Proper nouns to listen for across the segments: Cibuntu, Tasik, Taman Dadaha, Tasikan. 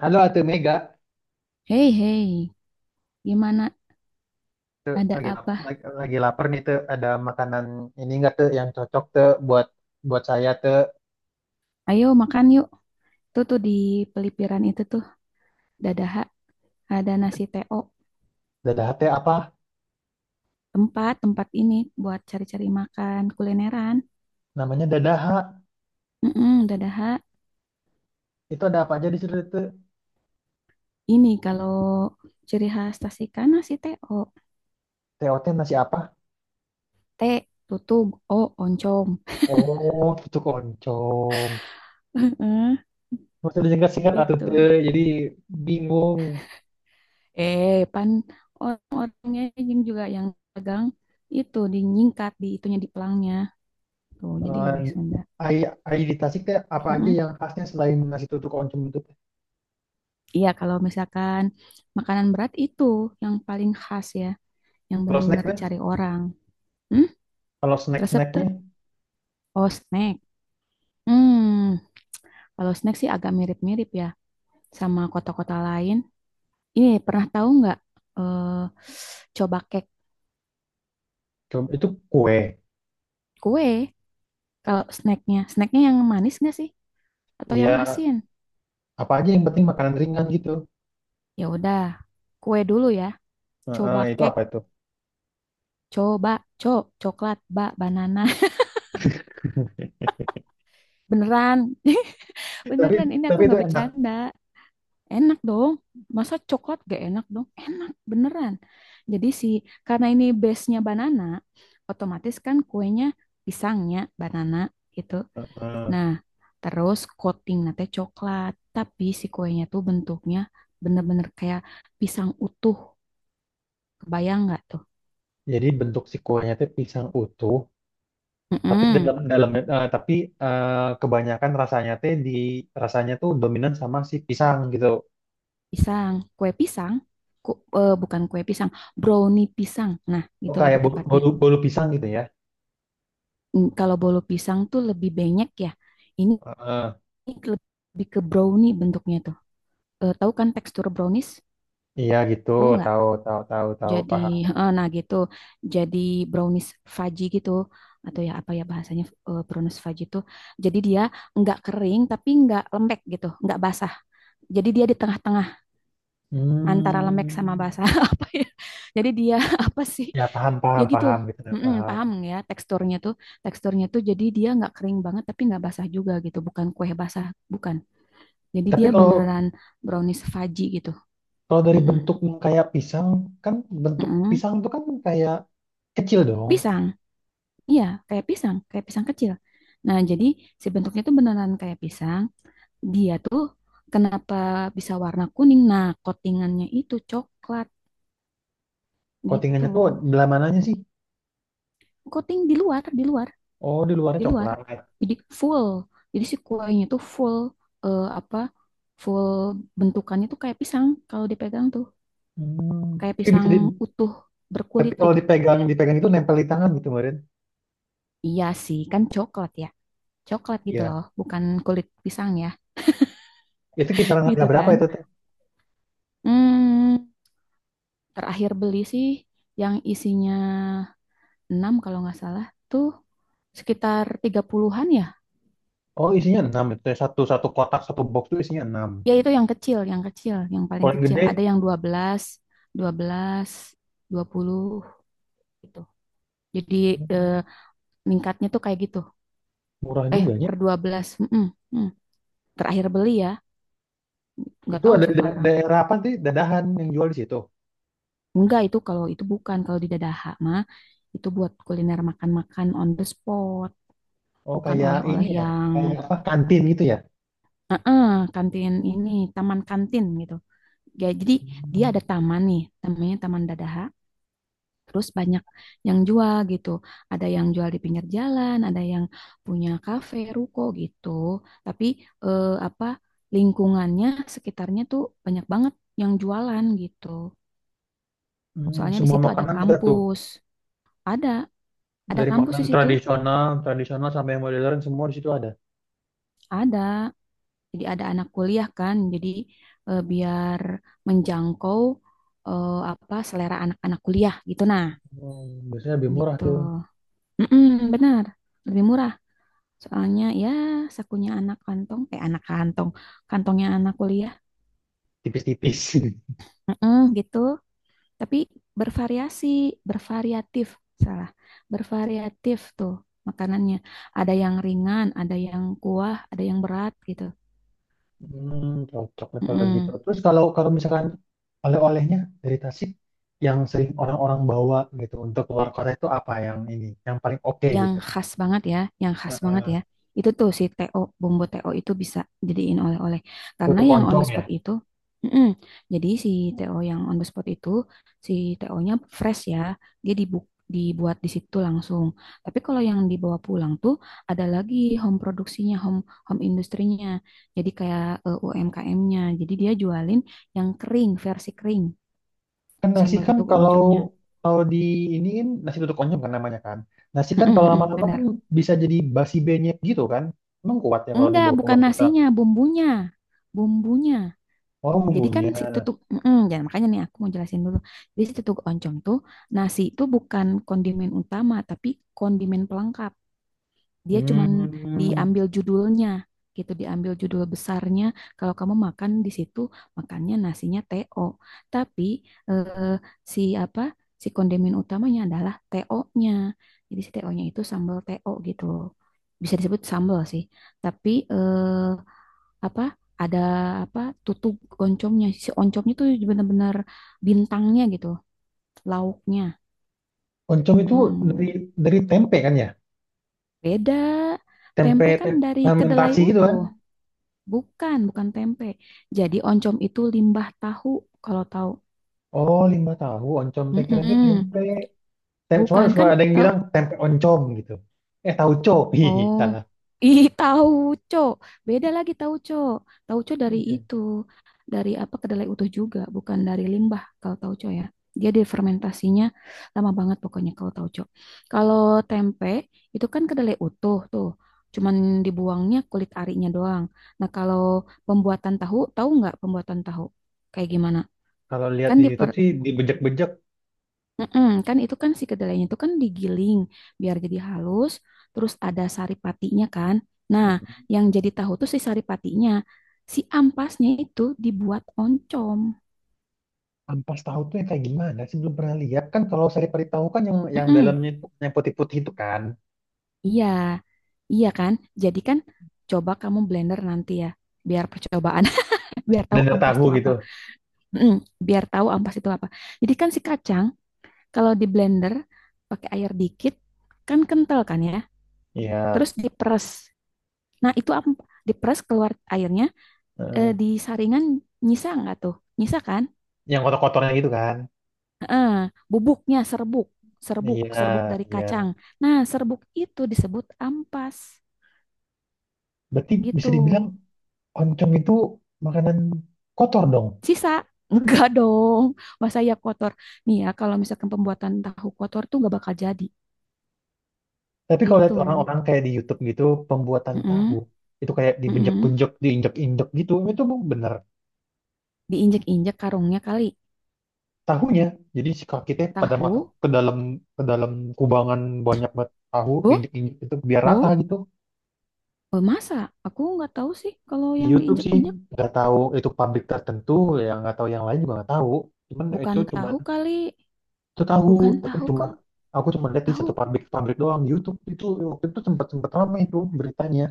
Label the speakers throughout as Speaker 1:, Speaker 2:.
Speaker 1: Halo Atu Mega,
Speaker 2: Hei, hei, gimana? Ada
Speaker 1: lagi lap-
Speaker 2: apa?
Speaker 1: lagi, lagi lapar nih tuh. Ada makanan ini enggak tuh yang cocok tuh buat buat saya tuh.
Speaker 2: Ayo makan yuk. Tuh tuh di pelipiran itu tuh, Dadaha, ada nasi TO.
Speaker 1: Dadah teh apa?
Speaker 2: Tempat ini buat cari-cari makan kulineran.
Speaker 1: Namanya dadah.
Speaker 2: Mm-mm, Dadaha,
Speaker 1: Itu ada apa aja di situ tuh?
Speaker 2: ini kalau ciri khas Tasikan nasi TO.
Speaker 1: TOT nasi apa?
Speaker 2: T, tutug, O, oncom.
Speaker 1: Oh, cucuk oncom.
Speaker 2: itu.
Speaker 1: Maksudnya singkat-singkat Atuh tuh. Jadi bingung.
Speaker 2: Pan orang-orangnya yang juga yang pegang itu dinyingkat di itunya di pelangnya. Tuh, jadi wes
Speaker 1: Eh,
Speaker 2: Sunda.
Speaker 1: Ai ai di Tasik teh apa aja
Speaker 2: Mm-mm.
Speaker 1: yang khasnya selain nasi tutuk oncom itu? Teh?
Speaker 2: Iya, kalau misalkan makanan berat itu yang paling khas ya, yang
Speaker 1: Kalau
Speaker 2: benar-benar
Speaker 1: snacknya,
Speaker 2: dicari orang. Hmm?
Speaker 1: kalau
Speaker 2: Resep tuh,
Speaker 1: snack-snacknya,
Speaker 2: oh snack. Hmm, kalau snack sih agak mirip-mirip ya sama kota-kota lain. Ini pernah tahu nggak? eh Coba cake
Speaker 1: coba itu kue.
Speaker 2: kue. Kalau snacknya yang manis nggak sih? Atau yang
Speaker 1: Iya,
Speaker 2: asin?
Speaker 1: apa aja yang penting makanan ringan gitu.
Speaker 2: Ya udah, kue dulu ya.
Speaker 1: Heeh,
Speaker 2: Coba
Speaker 1: itu
Speaker 2: cake,
Speaker 1: apa itu?
Speaker 2: coba co, coklat, banana. Beneran,
Speaker 1: Tapi
Speaker 2: beneran. Ini aku
Speaker 1: itu
Speaker 2: nggak
Speaker 1: enak.
Speaker 2: bercanda. Enak dong. Masa coklat gak enak dong? Enak beneran. Jadi si karena ini base-nya banana, otomatis kan kuenya pisangnya banana gitu.
Speaker 1: Heeh.
Speaker 2: Nah, terus coating nanti coklat, tapi si kuenya tuh bentuknya bener-bener kayak pisang utuh. Kebayang nggak tuh?
Speaker 1: Jadi bentuk si kuahnya teh pisang utuh, tapi
Speaker 2: Mm-mm.
Speaker 1: dalam dalam tapi kebanyakan rasanya teh di rasanya tuh dominan sama si pisang gitu.
Speaker 2: Pisang, kue pisang, bukan kue pisang, brownie pisang. Nah,
Speaker 1: Oh,
Speaker 2: gitu
Speaker 1: kayak
Speaker 2: lebih
Speaker 1: bolu,
Speaker 2: tepatnya.
Speaker 1: bolu, bolu pisang gitu ya.
Speaker 2: Mm, kalau bolu pisang tuh lebih banyak ya. Ini
Speaker 1: Heeh.
Speaker 2: Ini lebih ke brownie bentuknya tuh. Tahu kan tekstur brownies?
Speaker 1: Iya gitu,
Speaker 2: Tahu nggak?
Speaker 1: tahu tahu tahu tahu
Speaker 2: Jadi,
Speaker 1: paham.
Speaker 2: nah gitu. Jadi brownies fudgy gitu. Atau ya apa ya bahasanya brownies fudgy itu. Jadi dia nggak kering tapi nggak lembek gitu. Nggak basah. Jadi dia di tengah-tengah antara lembek sama
Speaker 1: Hmm,
Speaker 2: basah. Apa ya? Jadi dia apa sih?
Speaker 1: ya paham
Speaker 2: Ya
Speaker 1: paham
Speaker 2: gitu.
Speaker 1: paham gitu ya
Speaker 2: Mm-mm,
Speaker 1: paham.
Speaker 2: paham ya teksturnya tuh. Teksturnya tuh jadi dia nggak kering banget tapi nggak basah juga gitu. Bukan kue basah. Bukan. Jadi
Speaker 1: Tapi
Speaker 2: dia
Speaker 1: kalau
Speaker 2: beneran brownies fudgy gitu.
Speaker 1: kalau dari
Speaker 2: Mm-mm.
Speaker 1: bentuk yang kayak pisang, kan bentuk
Speaker 2: Mm-mm.
Speaker 1: pisang tuh kan kayak kecil dong.
Speaker 2: Pisang. Iya, kayak pisang kecil. Nah, jadi si bentuknya tuh beneran kayak pisang. Dia tuh kenapa bisa warna kuning? Nah, coatingannya itu coklat gitu.
Speaker 1: Coatingannya tuh dalam mananya sih?
Speaker 2: Coating di luar, di luar,
Speaker 1: Oh, di luarnya
Speaker 2: di luar.
Speaker 1: coklat.
Speaker 2: Jadi full. Jadi si kuahnya tuh full, apa? Full bentukannya tuh kayak pisang kalau dipegang tuh
Speaker 1: Hmm,
Speaker 2: kayak
Speaker 1: tapi bisa
Speaker 2: pisang
Speaker 1: di,
Speaker 2: utuh
Speaker 1: tapi
Speaker 2: berkulit
Speaker 1: kalau
Speaker 2: gitu.
Speaker 1: dipegang dipegang itu nempel di tangan gitu kemarin.
Speaker 2: Iya sih, kan coklat ya. Coklat gitu
Speaker 1: Iya.
Speaker 2: loh, bukan kulit pisang ya,
Speaker 1: Itu kisaran harga
Speaker 2: gitu
Speaker 1: berapa
Speaker 2: kan.
Speaker 1: itu teh?
Speaker 2: Hmm, terakhir beli sih yang isinya 6 kalau nggak salah tuh sekitar 30-an ya.
Speaker 1: Oh isinya 6 itu teh. Satu satu kotak, satu box itu isinya enam.
Speaker 2: Ya itu yang kecil, yang kecil, yang
Speaker 1: Kalau
Speaker 2: paling
Speaker 1: yang
Speaker 2: kecil.
Speaker 1: gede
Speaker 2: Ada yang dua dua belas dua belas 20 gitu. Jadi eh,
Speaker 1: hmm,
Speaker 2: meningkatnya tuh kayak gitu.
Speaker 1: murah juga ya.
Speaker 2: Per 12. Mm-mm, mm. Terakhir beli ya, nggak
Speaker 1: Itu
Speaker 2: tahu
Speaker 1: ada da-
Speaker 2: sekarang.
Speaker 1: daerah apa sih dadahan yang jual di situ?
Speaker 2: Enggak, itu kalau itu bukan, kalau di Dadaha mah itu buat kuliner makan-makan on the spot,
Speaker 1: Oh
Speaker 2: bukan
Speaker 1: kayak ini
Speaker 2: oleh-oleh
Speaker 1: ya,
Speaker 2: yang
Speaker 1: kayak apa kantin gitu ya?
Speaker 2: kantin ini, taman kantin gitu. Ya, jadi dia
Speaker 1: Hmm,
Speaker 2: ada taman nih, namanya Taman Dadaha. Terus banyak yang jual gitu. Ada yang jual di pinggir jalan, ada yang punya kafe, ruko gitu. Tapi eh, apa lingkungannya sekitarnya tuh banyak banget yang jualan gitu. Soalnya di
Speaker 1: semua
Speaker 2: situ ada
Speaker 1: makanan ada tuh
Speaker 2: kampus. Ada, ada
Speaker 1: dari
Speaker 2: kampus di
Speaker 1: makanan
Speaker 2: situ.
Speaker 1: tradisional tradisional sampai yang modern semua di situ ada.
Speaker 2: Ada. Jadi ada anak kuliah kan, jadi biar menjangkau eh, apa selera anak-anak kuliah gitu, nah,
Speaker 1: Oh, biasanya lebih murah
Speaker 2: gitu.
Speaker 1: tuh
Speaker 2: Mm-mm, benar, lebih murah. Soalnya ya sakunya anak kantong, eh anak kantong, kantongnya anak kuliah.
Speaker 1: tipis-tipis.
Speaker 2: Mm-mm, gitu. Tapi bervariasi, bervariatif, salah, bervariatif tuh makanannya. Ada yang ringan, ada yang kuah, ada yang berat gitu.
Speaker 1: Hmm, cocok deh kalau gitu.
Speaker 2: Mm-mm.
Speaker 1: Terus kalau kalau misalkan oleh-olehnya dari Tasik yang sering orang-orang bawa gitu untuk keluar kota itu apa yang ini yang paling oke
Speaker 2: Yang
Speaker 1: gitu?
Speaker 2: khas banget ya, yang khas banget ya.
Speaker 1: Heeh.
Speaker 2: Itu tuh si TO, bumbu TO itu bisa jadiin oleh-oleh. Karena
Speaker 1: Tutuk
Speaker 2: yang on
Speaker 1: oncom
Speaker 2: the
Speaker 1: ya.
Speaker 2: spot itu, mm-mm. Jadi si TO yang on the spot itu, si TO-nya fresh ya, dia dibuat di situ langsung. Tapi kalau yang dibawa pulang tuh ada lagi home produksinya, home home industrinya. Jadi kayak UMKM-nya. Jadi dia jualin yang kering, versi kering,
Speaker 1: Kan nasi
Speaker 2: sambal
Speaker 1: kan
Speaker 2: tutuk
Speaker 1: kalau
Speaker 2: oncomnya.
Speaker 1: kalau di ini kan nasi tutuk oncom kan namanya kan. Nasi kan
Speaker 2: Mm-mm,
Speaker 1: kalau
Speaker 2: mm-mm,
Speaker 1: lama-lama kan
Speaker 2: benar.
Speaker 1: bisa jadi basi benyek gitu kan. Emang kuat ya kalau
Speaker 2: Enggak,
Speaker 1: dibawa
Speaker 2: bukan
Speaker 1: keluar kota.
Speaker 2: nasinya, bumbunya. Bumbunya.
Speaker 1: Oh,
Speaker 2: Jadi kan si
Speaker 1: bumbunya.
Speaker 2: tutuk, jangan, makanya nih aku mau jelasin dulu. Jadi si tutuk oncom tuh nasi itu bukan kondimen utama, tapi kondimen pelengkap. Dia cuman
Speaker 1: Hmm.
Speaker 2: diambil judulnya, gitu, diambil judul besarnya. Kalau kamu makan di situ, makannya nasinya TO. Tapi eh, si apa? Si kondimen utamanya adalah TO-nya. Jadi si TO-nya itu sambal TO gitu. Bisa disebut sambal sih. Tapi eh, apa ada apa tutup oncomnya, si oncomnya tuh benar-benar bintangnya gitu, lauknya.
Speaker 1: Oncom itu
Speaker 2: Mm,
Speaker 1: dari dari tempe kan ya?
Speaker 2: beda.
Speaker 1: Tempe,
Speaker 2: Tempe kan
Speaker 1: tempe
Speaker 2: dari kedelai
Speaker 1: fermentasi gitu kan?
Speaker 2: utuh, bukan bukan tempe. Jadi oncom itu limbah tahu. Kalau tahu,
Speaker 1: Oh, lima tahu oncom teh keren tuh
Speaker 2: mm-mm.
Speaker 1: tempe. Tem Cuma
Speaker 2: Bukan
Speaker 1: suka
Speaker 2: kan
Speaker 1: ada yang
Speaker 2: tahu.
Speaker 1: bilang tempe oncom gitu. Eh, tauco. Hihi,
Speaker 2: Oh,
Speaker 1: salah.
Speaker 2: ih tauco. Beda lagi tauco. Tauco dari
Speaker 1: Iya.
Speaker 2: itu, dari apa kedelai utuh juga, bukan dari limbah kalau tauco ya. Dia difermentasinya lama banget pokoknya kalau tauco. Kalau tempe itu kan kedelai utuh tuh. Cuman dibuangnya kulit arinya doang. Nah, kalau pembuatan tahu, tahu nggak pembuatan tahu? Kayak gimana?
Speaker 1: Kalau lihat
Speaker 2: Kan
Speaker 1: di
Speaker 2: diper,
Speaker 1: YouTube sih dibejek-bejek.
Speaker 2: mm-mm, kan itu kan si kedelainya itu kan digiling biar jadi halus, terus ada saripatinya kan. Nah,
Speaker 1: Mm.
Speaker 2: yang jadi tahu tuh si saripatinya, si ampasnya itu dibuat oncom.
Speaker 1: Ampas tahu tuh yang kayak gimana sih belum pernah lihat kan kalau sari-sari tahu kan yang
Speaker 2: Mm-mm,
Speaker 1: dalamnya itu yang putih-putih itu kan
Speaker 2: iya, iya kan. Jadi kan coba kamu blender nanti ya, biar percobaan, biar tahu
Speaker 1: dendeng
Speaker 2: ampas
Speaker 1: tahu
Speaker 2: itu
Speaker 1: gitu.
Speaker 2: apa. Mm-mm, biar tahu ampas itu apa. Jadi kan si kacang kalau di blender pakai air dikit, kan kental kan ya.
Speaker 1: Iya.
Speaker 2: Terus diperes. Nah, itu diperes keluar airnya,
Speaker 1: Heeh.
Speaker 2: di saringan nyisa nggak tuh? Nyisa kan?
Speaker 1: Yang kotor-kotornya gitu kan.
Speaker 2: Heeh, bubuknya serbuk, serbuk,
Speaker 1: Iya,
Speaker 2: serbuk dari
Speaker 1: iya.
Speaker 2: kacang. Nah, serbuk itu disebut ampas
Speaker 1: Berarti
Speaker 2: gitu.
Speaker 1: bisa dibilang oncom itu makanan kotor dong.
Speaker 2: Sisa enggak dong, masa ya kotor. Nih ya, kalau misalkan pembuatan tahu kotor tuh nggak bakal jadi
Speaker 1: Tapi kalau
Speaker 2: gitu.
Speaker 1: lihat orang-orang kayak di YouTube gitu, pembuatan tahu
Speaker 2: Heeh,
Speaker 1: itu kayak
Speaker 2: heeh.
Speaker 1: dibenjek-benjek, diinjek-injek gitu, itu bener
Speaker 2: Diinjek-injek karungnya kali
Speaker 1: tahunya. Jadi si kakinya pada masuk
Speaker 2: tahu.
Speaker 1: ke dalam kubangan banyak banget tahu
Speaker 2: Oh,
Speaker 1: diinjek-injek itu biar rata
Speaker 2: oh,
Speaker 1: gitu.
Speaker 2: oh, masa? Aku nggak tahu sih kalau
Speaker 1: Di
Speaker 2: yang
Speaker 1: YouTube sih
Speaker 2: diinjek-injek
Speaker 1: nggak tahu itu pabrik tertentu yang nggak tahu yang lain juga nggak tahu. Cuman itu
Speaker 2: bukan
Speaker 1: cuman
Speaker 2: tahu kali,
Speaker 1: itu tahu
Speaker 2: bukan
Speaker 1: tapi
Speaker 2: tahu
Speaker 1: cuma
Speaker 2: kali.
Speaker 1: aku lihat di
Speaker 2: Tahu.
Speaker 1: satu pabrik-pabrik doang di YouTube itu waktu itu sempat sempat ramai itu beritanya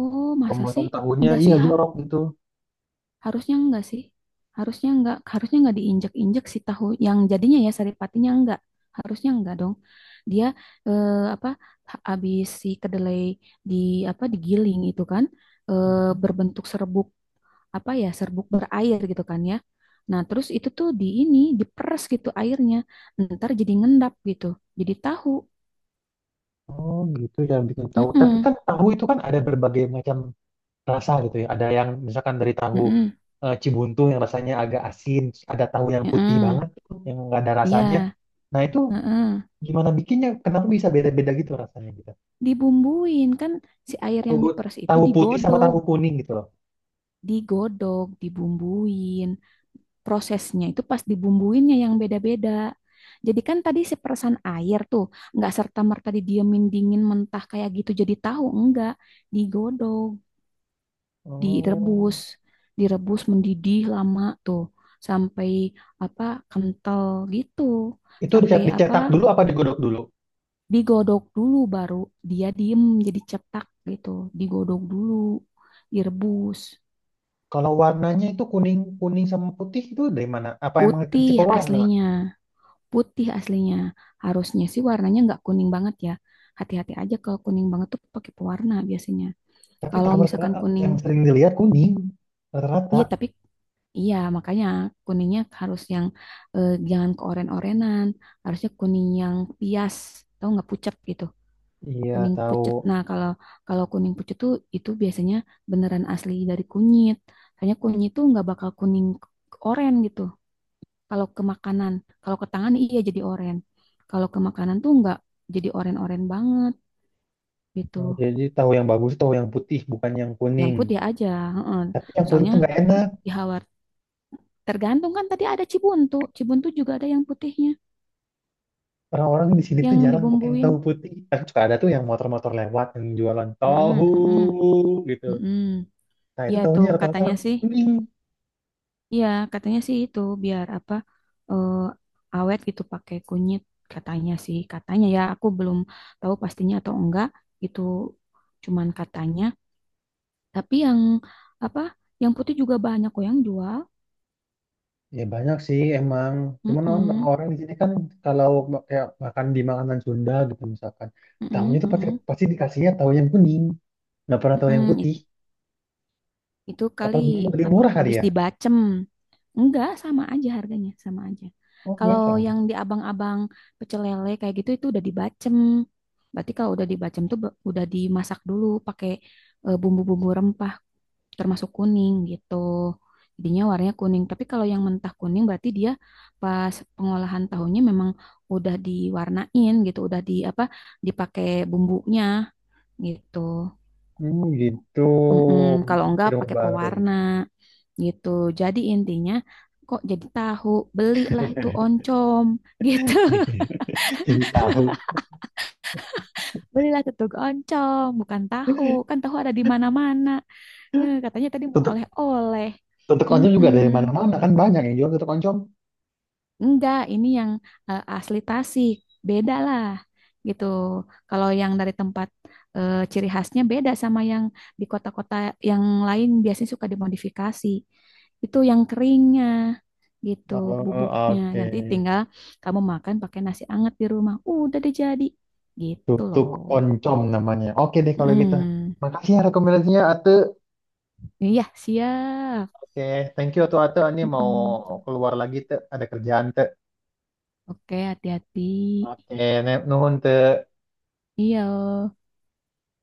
Speaker 2: Oh, masa
Speaker 1: pembuatan
Speaker 2: sih?
Speaker 1: tahunya
Speaker 2: Enggak
Speaker 1: iya
Speaker 2: sih,
Speaker 1: jorok gitu.
Speaker 2: harusnya enggak sih. Harusnya enggak diinjek-injek si tahu yang jadinya ya saripatinya, enggak. Harusnya enggak dong. Dia eh, apa habis si kedelai di apa digiling itu kan, eh, berbentuk serbuk, apa ya, serbuk berair gitu kan ya. Nah, terus itu tuh di ini diperes gitu airnya. Ntar jadi ngendap gitu. Jadi tahu.
Speaker 1: Oh gitu ya bikin tahu. Tapi
Speaker 2: Mm-mm.
Speaker 1: kan tahu itu kan ada berbagai macam rasa gitu ya. Ada yang misalkan dari tahu
Speaker 2: Mm-mm.
Speaker 1: Cibuntu yang rasanya agak asin, terus ada tahu yang putih
Speaker 2: Mm-mm.
Speaker 1: banget gitu, yang nggak ada rasanya.
Speaker 2: Iya.
Speaker 1: Nah itu
Speaker 2: Heeh.
Speaker 1: gimana bikinnya? Kenapa bisa beda-beda gitu rasanya gitu?
Speaker 2: Dibumbuin kan, si air yang
Speaker 1: Tahu
Speaker 2: diperes itu
Speaker 1: tahu putih sama
Speaker 2: digodok,
Speaker 1: tahu kuning gitu loh.
Speaker 2: digodok, dibumbuin. Prosesnya itu pas dibumbuinnya yang beda-beda. Jadi kan tadi si peresan air tuh nggak serta merta didiemin dingin mentah kayak gitu jadi tahu, enggak. Digodok,
Speaker 1: Oh
Speaker 2: direbus, direbus mendidih lama tuh sampai apa kental gitu,
Speaker 1: itu
Speaker 2: sampai
Speaker 1: dicetak,
Speaker 2: apa
Speaker 1: dicetak dulu apa digodok dulu?
Speaker 2: digodok dulu baru dia diem jadi cetak gitu, digodok dulu, direbus.
Speaker 1: Kalau warnanya itu kuning kuning sama putih itu dari mana? Apa emang kasih
Speaker 2: putih
Speaker 1: pewarna?
Speaker 2: aslinya putih aslinya harusnya sih warnanya nggak kuning banget ya, hati-hati aja kalau kuning banget tuh pakai pewarna biasanya.
Speaker 1: Tapi
Speaker 2: Kalau
Speaker 1: tahu rata
Speaker 2: misalkan kuning,
Speaker 1: yang sering dilihat kuning rata-rata.
Speaker 2: iya, tapi iya makanya kuningnya harus yang jangan keoren-orenan, harusnya kuning yang pias, tau nggak, pucat gitu,
Speaker 1: Iya
Speaker 2: kuning
Speaker 1: tahu.
Speaker 2: pucet. Nah, kalau kalau kuning pucet tuh itu biasanya beneran asli dari kunyit. Soalnya kunyit tuh nggak bakal kuning oren gitu. Kalau ke makanan, kalau ke tangan iya jadi oren. Kalau ke makanan tuh nggak jadi oren-oren banget gitu.
Speaker 1: Oh, jadi tahu yang bagus tahu yang putih bukan yang
Speaker 2: Yang
Speaker 1: kuning.
Speaker 2: putih aja. Heeh.
Speaker 1: Tapi yang putih
Speaker 2: Soalnya
Speaker 1: tuh nggak enak.
Speaker 2: di Hawar tergantung, kan tadi ada Cibuntu. Cibuntu juga ada yang putihnya
Speaker 1: Orang-orang di sini tuh
Speaker 2: yang
Speaker 1: jarang pakai yang tahu
Speaker 2: dibumbuin.
Speaker 1: putih. Tapi suka ada tuh yang motor-motor lewat yang jualan
Speaker 2: Heeh,
Speaker 1: tahu
Speaker 2: heeh,
Speaker 1: gitu.
Speaker 2: heeh.
Speaker 1: Nah itu
Speaker 2: Iya
Speaker 1: tahunya
Speaker 2: tuh
Speaker 1: rata-rata
Speaker 2: katanya sih.
Speaker 1: kuning.
Speaker 2: Iya, katanya sih itu biar apa, eh, awet gitu pakai kunyit, katanya sih, katanya ya, aku belum tahu pastinya atau enggak itu, cuman katanya. Tapi yang apa, yang putih juga banyak kok yang jual.
Speaker 1: Ya banyak sih emang.
Speaker 2: Mm
Speaker 1: Cuman orang
Speaker 2: -mm,
Speaker 1: orang di sini kan kalau ma- kayak makan di makanan Sunda gitu misalkan, tahunya
Speaker 2: mm
Speaker 1: tuh pasti
Speaker 2: -mm,
Speaker 1: pasti dikasihnya tahu yang kuning. Nggak pernah tahu yang
Speaker 2: mm.
Speaker 1: putih.
Speaker 2: Itu
Speaker 1: Apa
Speaker 2: kali
Speaker 1: lebih lebih
Speaker 2: apa,
Speaker 1: murah kali
Speaker 2: habis
Speaker 1: ya?
Speaker 2: dibacem. Enggak, sama aja harganya, sama aja.
Speaker 1: Oke,
Speaker 2: Kalau
Speaker 1: sama.
Speaker 2: yang di abang-abang pecel lele kayak gitu itu udah dibacem. Berarti kalau udah dibacem tuh udah dimasak dulu pakai bumbu-bumbu rempah termasuk kuning gitu. Jadinya warnanya kuning. Tapi kalau yang mentah kuning berarti dia pas pengolahan tahunya memang udah diwarnain gitu, udah di apa dipakai bumbunya gitu.
Speaker 1: Hmm, gitu.
Speaker 2: Mm-mm. Kalau enggak
Speaker 1: Ilmu
Speaker 2: pakai
Speaker 1: baru.
Speaker 2: pewarna gitu. Jadi intinya kok jadi tahu, belilah itu oncom gitu.
Speaker 1: Jadi tahu.
Speaker 2: Belilah tutug oncom, bukan tahu. Kan tahu ada di mana-mana. Eh, katanya tadi mau
Speaker 1: Tutuk,
Speaker 2: oleh-oleh.
Speaker 1: tutuk oncom juga
Speaker 2: Mm-mm.
Speaker 1: dari mana-mana kan banyak yang jual tutuk oncom.
Speaker 2: Enggak, ini yang asli Tasik. Beda lah gitu. Kalau yang dari tempat ciri khasnya beda sama yang di kota-kota yang lain, biasanya suka dimodifikasi. Itu yang keringnya gitu,
Speaker 1: Oh,
Speaker 2: bubuknya.
Speaker 1: oke.
Speaker 2: Nanti tinggal kamu makan pakai nasi anget di rumah. Udah deh, jadi. Gitu
Speaker 1: Tutuk
Speaker 2: loh.
Speaker 1: oncom namanya. Oke deh kalau gitu.
Speaker 2: Hmm.
Speaker 1: Makasih ya rekomendasinya Ate.
Speaker 2: Iya, siap.
Speaker 1: Oke, thank you Atu Ate. Ini mau
Speaker 2: Mm-mm.
Speaker 1: keluar lagi Te. Ada kerjaan Te.
Speaker 2: Oke, hati-hati.
Speaker 1: Oke, ne- nuhun Te.
Speaker 2: Iya.